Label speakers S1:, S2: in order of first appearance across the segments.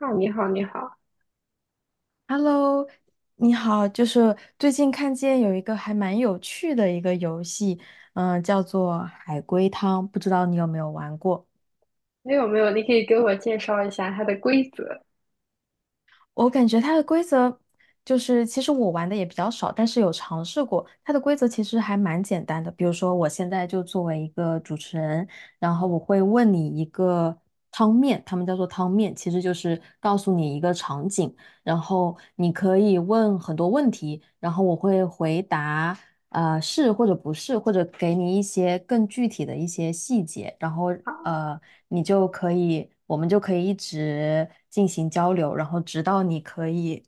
S1: 哦，你好，你好，
S2: Hello，你好，就是最近看见有一个还蛮有趣的一个游戏，叫做海龟汤，不知道你有没有玩过？
S1: 没有.你可以给我介绍一下它的规则？
S2: 我感觉它的规则就是，其实我玩的也比较少，但是有尝试过。它的规则其实还蛮简单的，比如说我现在就作为一个主持人，然后我会问你一个汤面，他们叫做汤面，其实就是告诉你一个场景。然后你可以问很多问题，然后我会回答，是或者不是，或者给你一些更具体的一些细节，然后
S1: 好，
S2: 呃你就可以，我们就可以一直进行交流，然后直到你可以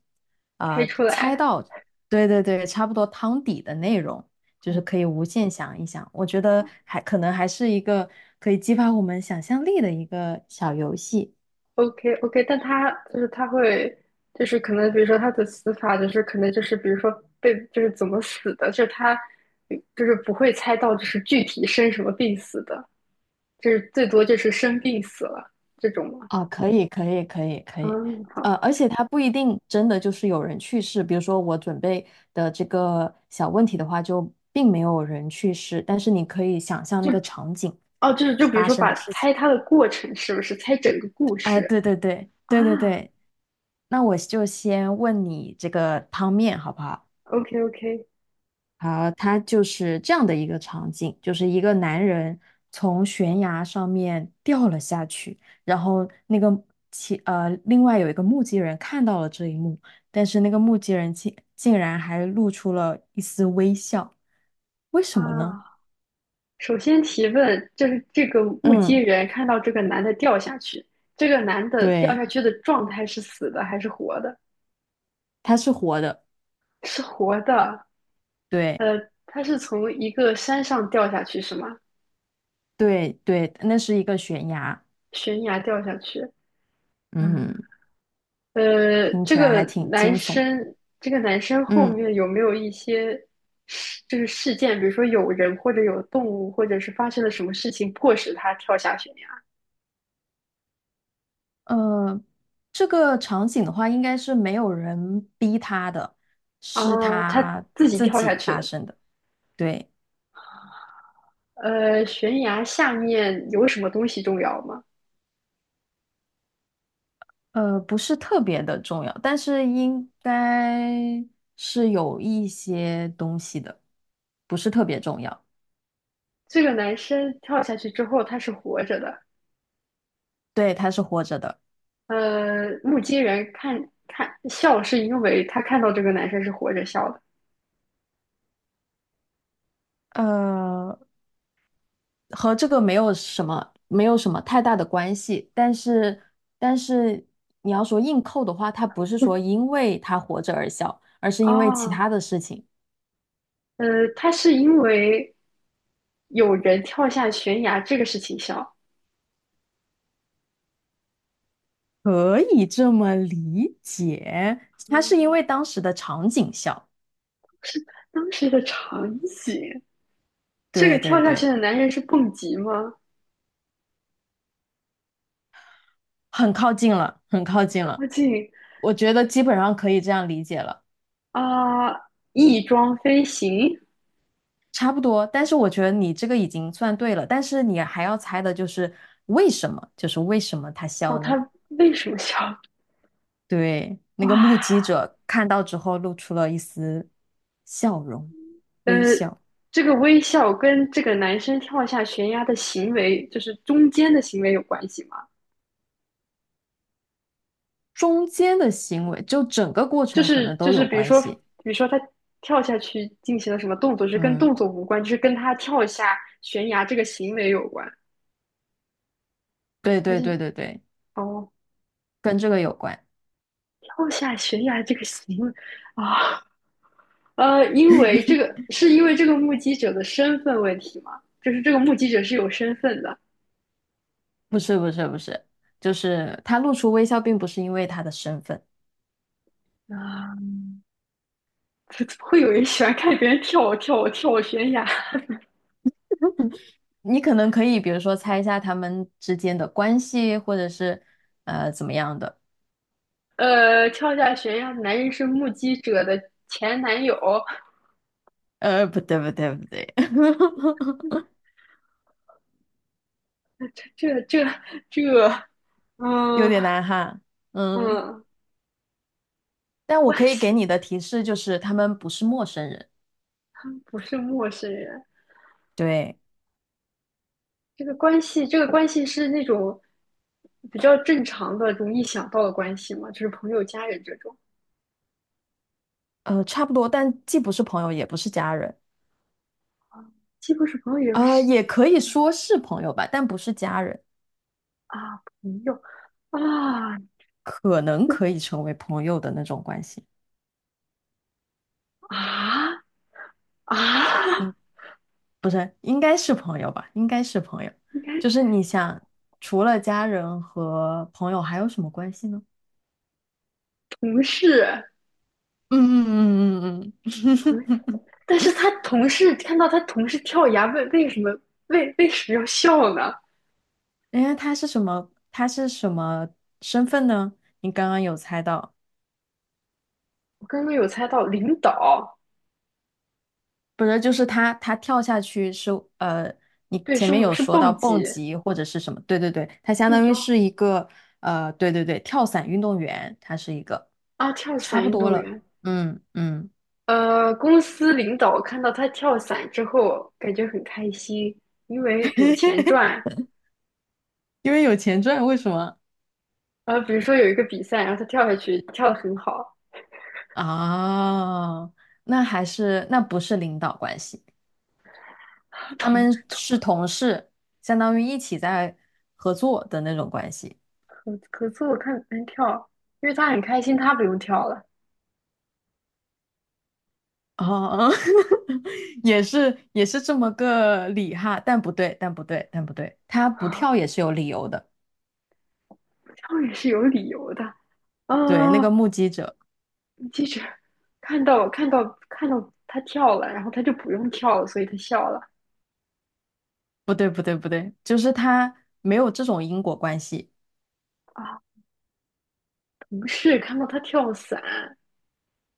S1: 猜出
S2: 猜
S1: 来。
S2: 到，对对对，差不多汤底的内容，就是
S1: 嗯，
S2: 可以无限想一想。我觉得还可能还是一个可以激发我们想象力的一个小游戏。
S1: OK OK，但它就是它会，就是可能比如说它的死法就是可能就是比如说被就是怎么死的，就是它就是不会猜到就是具体生什么病死的，就是最多就是生病死了这种吗？
S2: 啊，可以，可以，可以，可以，
S1: 嗯，好，
S2: 而且它不一定真的就是有人去世，比如说我准备的这个小问题的话，就并没有人去世，但是你可以想象
S1: 就
S2: 那个场景
S1: 哦，就是就比如
S2: 发
S1: 说
S2: 生的
S1: 把
S2: 事情。
S1: 猜它的过程是不是猜整个故
S2: 哎，
S1: 事
S2: 对对对，
S1: 啊
S2: 对对对，那我就先问你这个汤面好不好？
S1: ？OK OK
S2: 好，它就是这样的一个场景，就是一个男人从悬崖上面掉了下去，然后那个另外有一个目击人看到了这一幕，但是那个目击人竟然还露出了一丝微笑，为什么呢？
S1: 啊，首先提问就是这个目击
S2: 嗯，
S1: 人看到这个男的掉下去，这个男的掉
S2: 对，
S1: 下去的状态是死的还是活的？
S2: 他是活的，
S1: 是活的。
S2: 对
S1: 呃，他是从一个山上掉下去是吗？
S2: 对对，那是一个悬崖，
S1: 悬崖掉下去。嗯，
S2: 嗯，
S1: 呃，
S2: 听起来还挺惊悚的，
S1: 这个男生后
S2: 嗯。
S1: 面有没有一些事，就是事件，比如说有人或者有动物，或者是发生了什么事情迫使他跳下悬崖？
S2: 呃，这个场景的话，应该是没有人逼他的，
S1: 啊，
S2: 是
S1: 他
S2: 他
S1: 自己
S2: 自
S1: 跳下
S2: 己
S1: 去
S2: 发
S1: 的。
S2: 生的。对，
S1: 呃，悬崖下面有什么东西重要吗？
S2: 不是特别的重要，但是应该是有一些东西的，不是特别重要。
S1: 这个男生跳下去之后，他是活着的。
S2: 对，他是活着的，
S1: 呃，目击人笑，是因为他看到这个男生是活着笑的。
S2: 呃，和这个没有什么太大的关系。但是，但是你要说硬扣的话，他不是说 因为他活着而笑，而是因为其
S1: 哦，
S2: 他的事情。
S1: 呃，他是因为有人跳下悬崖这个事情笑。
S2: 可以这么理解，他是因
S1: 嗯，
S2: 为当时的场景笑，
S1: 当时的场景，这
S2: 对
S1: 个跳
S2: 对
S1: 下去
S2: 对，
S1: 的男人是蹦极吗？
S2: 很靠近了，很靠近了，
S1: 靠近
S2: 我觉得基本上可以这样理解了，
S1: 啊，翼装飞行。
S2: 差不多。但是我觉得你这个已经算对了，但是你还要猜的就是为什么，就是为什么他
S1: 哦，
S2: 笑呢？
S1: 他为什么笑？
S2: 对，那
S1: 哇！
S2: 个目击者看到之后露出了一丝笑容，
S1: 呃，
S2: 微笑，
S1: 这个微笑跟这个男生跳下悬崖的行为，就是中间的行为有关系吗？
S2: 中间的行为就整个过
S1: 就
S2: 程可
S1: 是
S2: 能
S1: 就
S2: 都
S1: 是，
S2: 有
S1: 比如
S2: 关
S1: 说，
S2: 系。
S1: 比如说他跳下去进行了什么动作，是跟
S2: 嗯，
S1: 动作无关，就是跟他跳下悬崖这个行为有关，
S2: 对
S1: 还
S2: 对
S1: 是
S2: 对对对，
S1: 哦，
S2: 跟这个有关。
S1: 跳下悬崖这个行为啊？呃，因为这个目击者的身份问题吗？就是这个目击者是有身份的
S2: 不是不是不是，就是他露出微笑，并不是因为他的身份。
S1: 啊，会会有人喜欢看别人跳悬崖
S2: 你可能可以，比如说猜一下他们之间的关系，或者是怎么样的。
S1: 呃，跳下悬崖的男人是目击者的前男友，
S2: 不对不对不对，
S1: 这这这，
S2: 有
S1: 嗯
S2: 点难哈。嗯，
S1: 嗯，
S2: 但我
S1: 关
S2: 可以给
S1: 系
S2: 你的提示就是，他们不是陌生人。
S1: 不是陌生人，
S2: 对，
S1: 这个关系是那种比较正常的、容易想到的关系嘛，就是朋友、家人这种，
S2: 差不多，但既不是朋友，也不是家人。
S1: 既不是朋友，也不是
S2: 也可以说是朋友吧，但不是家人，
S1: 啊，朋友啊
S2: 可能可以成为朋友的那种关系。
S1: 啊啊，
S2: 你不是，应该是朋友吧？应该是朋友。
S1: 应该
S2: 就是你想，除了家人和朋友，还有什么关系呢？
S1: 同事
S2: 嗯嗯嗯嗯嗯，
S1: 同，但是他同事看到他同事跳崖，为什么要笑呢？
S2: 因为他是什么？他是什么身份呢？你刚刚有猜到，
S1: 我刚刚有猜到领导，
S2: 不是？就是他跳下去是呃，你
S1: 对，
S2: 前
S1: 是
S2: 面有
S1: 是
S2: 说到
S1: 蹦
S2: 蹦
S1: 极
S2: 极或者是什么？对对对，他相
S1: 一
S2: 当于
S1: 招
S2: 是一个对对对，跳伞运动员，他是一个，
S1: 啊，跳
S2: 差
S1: 伞
S2: 不
S1: 运
S2: 多
S1: 动
S2: 了。
S1: 员。
S2: 嗯嗯，
S1: 呃，公司领导看到他跳伞之后，感觉很开心，因为有钱赚。
S2: 因为有钱赚，为什么？
S1: 呃，比如说有一个比赛，然后他跳下去，跳得很好。
S2: 哦，那还是，那不是领导关系，
S1: 他
S2: 他
S1: 同
S2: 们是同事，相当于一起在合作的那种关系。
S1: 可可是我看别人跳，因为他很开心，他不用跳了，
S2: 哦，也是也是这么个理哈，但不对，但不对，但不对，他不跳也是有理由的。
S1: 跳也是有理由的。
S2: 对，那个
S1: 啊、
S2: 目击者，
S1: 记者看到看到看到他跳了，然后他就不用跳了，所以他笑了。
S2: 不对，不对，不对，就是他没有这种因果关系。
S1: 啊，同事看到他跳伞，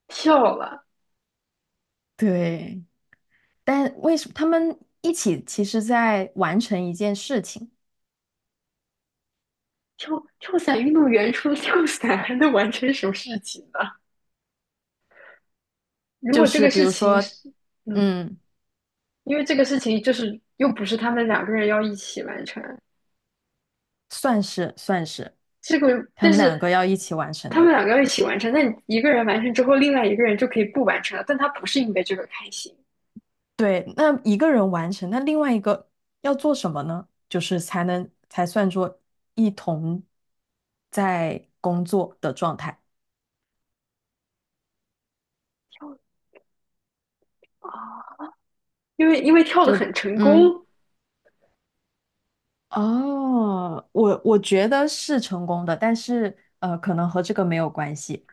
S1: 跳了，
S2: 对，但为什么他们一起其实在完成一件事情，
S1: 跳跳伞运动员除了跳伞还能完成什么事情呢？如
S2: 就
S1: 果这
S2: 是
S1: 个
S2: 比
S1: 事
S2: 如
S1: 情
S2: 说，
S1: 是，嗯，
S2: 嗯。
S1: 因为这个事情就是又不是他们两个人要一起完成，
S2: 算是算是，
S1: 这个
S2: 他
S1: 但
S2: 们两个
S1: 是
S2: 要一起完成
S1: 他们
S2: 的。
S1: 两个要一起完成，那你一个人完成之后，另外一个人就可以不完成了，但他不是因为这个开心
S2: 对，那一个人完成，那另外一个要做什么呢？就是才算作一同在工作的状态。
S1: 跳的啊，因为跳的
S2: 就
S1: 很成
S2: 嗯，
S1: 功。
S2: 哦，我觉得是成功的，但是可能和这个没有关系。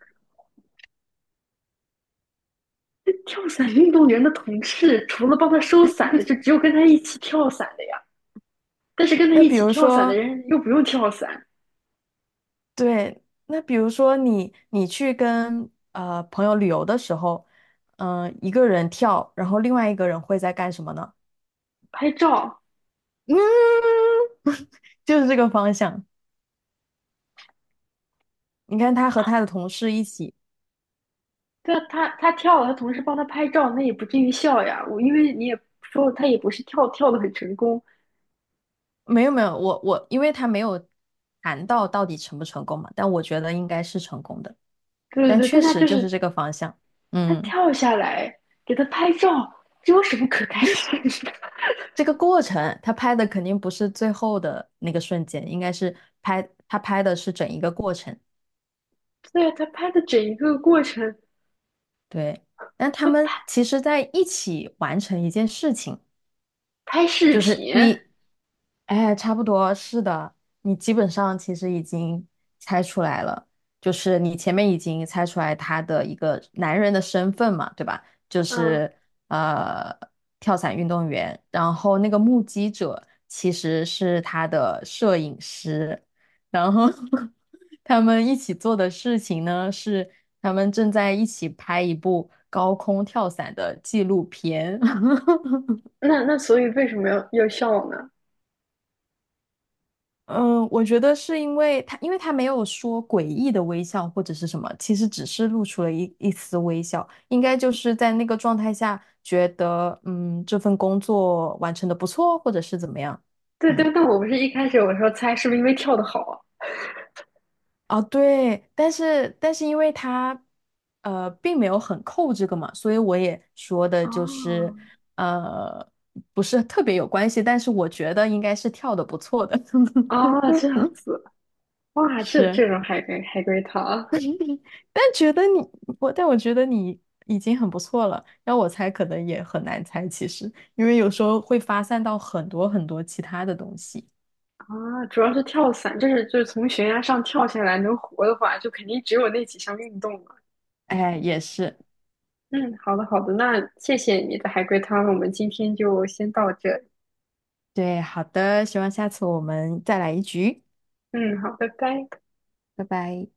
S1: 那跳伞运动员的同事，除了帮他收伞的，就只有跟他一起跳伞的呀。但是跟他
S2: 那
S1: 一
S2: 比
S1: 起
S2: 如
S1: 跳伞的
S2: 说，
S1: 人又不用跳伞，
S2: 对，那比如说你去跟朋友旅游的时候，一个人跳，然后另外一个人会在干什么呢？
S1: 拍照
S2: 嗯，就是这个方向。你看他和他的同事一起，
S1: 对啊，他他跳了，他同事帮他拍照，那也不至于笑呀。我因为你也说了他也不是跳的很成功，
S2: 没有没有，我因为他没有谈到到底成不成功嘛，但我觉得应该是成功的，
S1: 对对
S2: 但
S1: 对，
S2: 确
S1: 但他
S2: 实
S1: 就
S2: 就是
S1: 是
S2: 这个方向。
S1: 他
S2: 嗯，
S1: 跳下来给他拍照，这有什么可开心的？
S2: 这个过程他拍的肯定不是最后的那个瞬间，应该是拍他拍的是整一个过程。
S1: 对啊，他拍的整一个过程，
S2: 对，但他
S1: 他
S2: 们
S1: 拍
S2: 其实在一起完成一件事情，
S1: 拍视
S2: 就是
S1: 频，
S2: 你，哎，差不多是的，你基本上其实已经猜出来了，就是你前面已经猜出来他的一个男人的身份嘛，对吧？就
S1: 嗯，
S2: 是呃，跳伞运动员，然后那个目击者其实是他的摄影师，然后 他们一起做的事情呢是他们正在一起拍一部高空跳伞的纪录片。
S1: 那那所以为什么要笑呢？
S2: 嗯，我觉得是因为他，没有说诡异的微笑或者是什么，其实只是露出了一丝微笑，应该就是在那个状态下觉得，这份工作完成的不错，或者是怎么样。
S1: 对
S2: 嗯，
S1: 对，但我不是一开始我说猜是不是因为跳的好啊？
S2: 啊，对，但是因为他，并没有很扣这个嘛，所以我也说的就是，
S1: 哦
S2: 呃，不是特别有关系，但是我觉得应该是跳的不错的。
S1: 哦，这样 子，哇，这
S2: 是。
S1: 这种海龟海龟汤，
S2: 但觉得你，但我觉得你已经很不错了。要我猜，可能也很难猜，其实，因为有时候会发散到很多很多其他的东西。
S1: 啊，主要是跳伞，这是就是从悬崖上跳下来能活的话，就肯定只有那几项运动了。
S2: 哎，也是，
S1: 嗯，好的好的，那谢谢你的海龟汤，我们今天就先到这里。
S2: 对，好的，希望下次我们再来一局，
S1: 嗯，好，拜拜。
S2: 拜拜。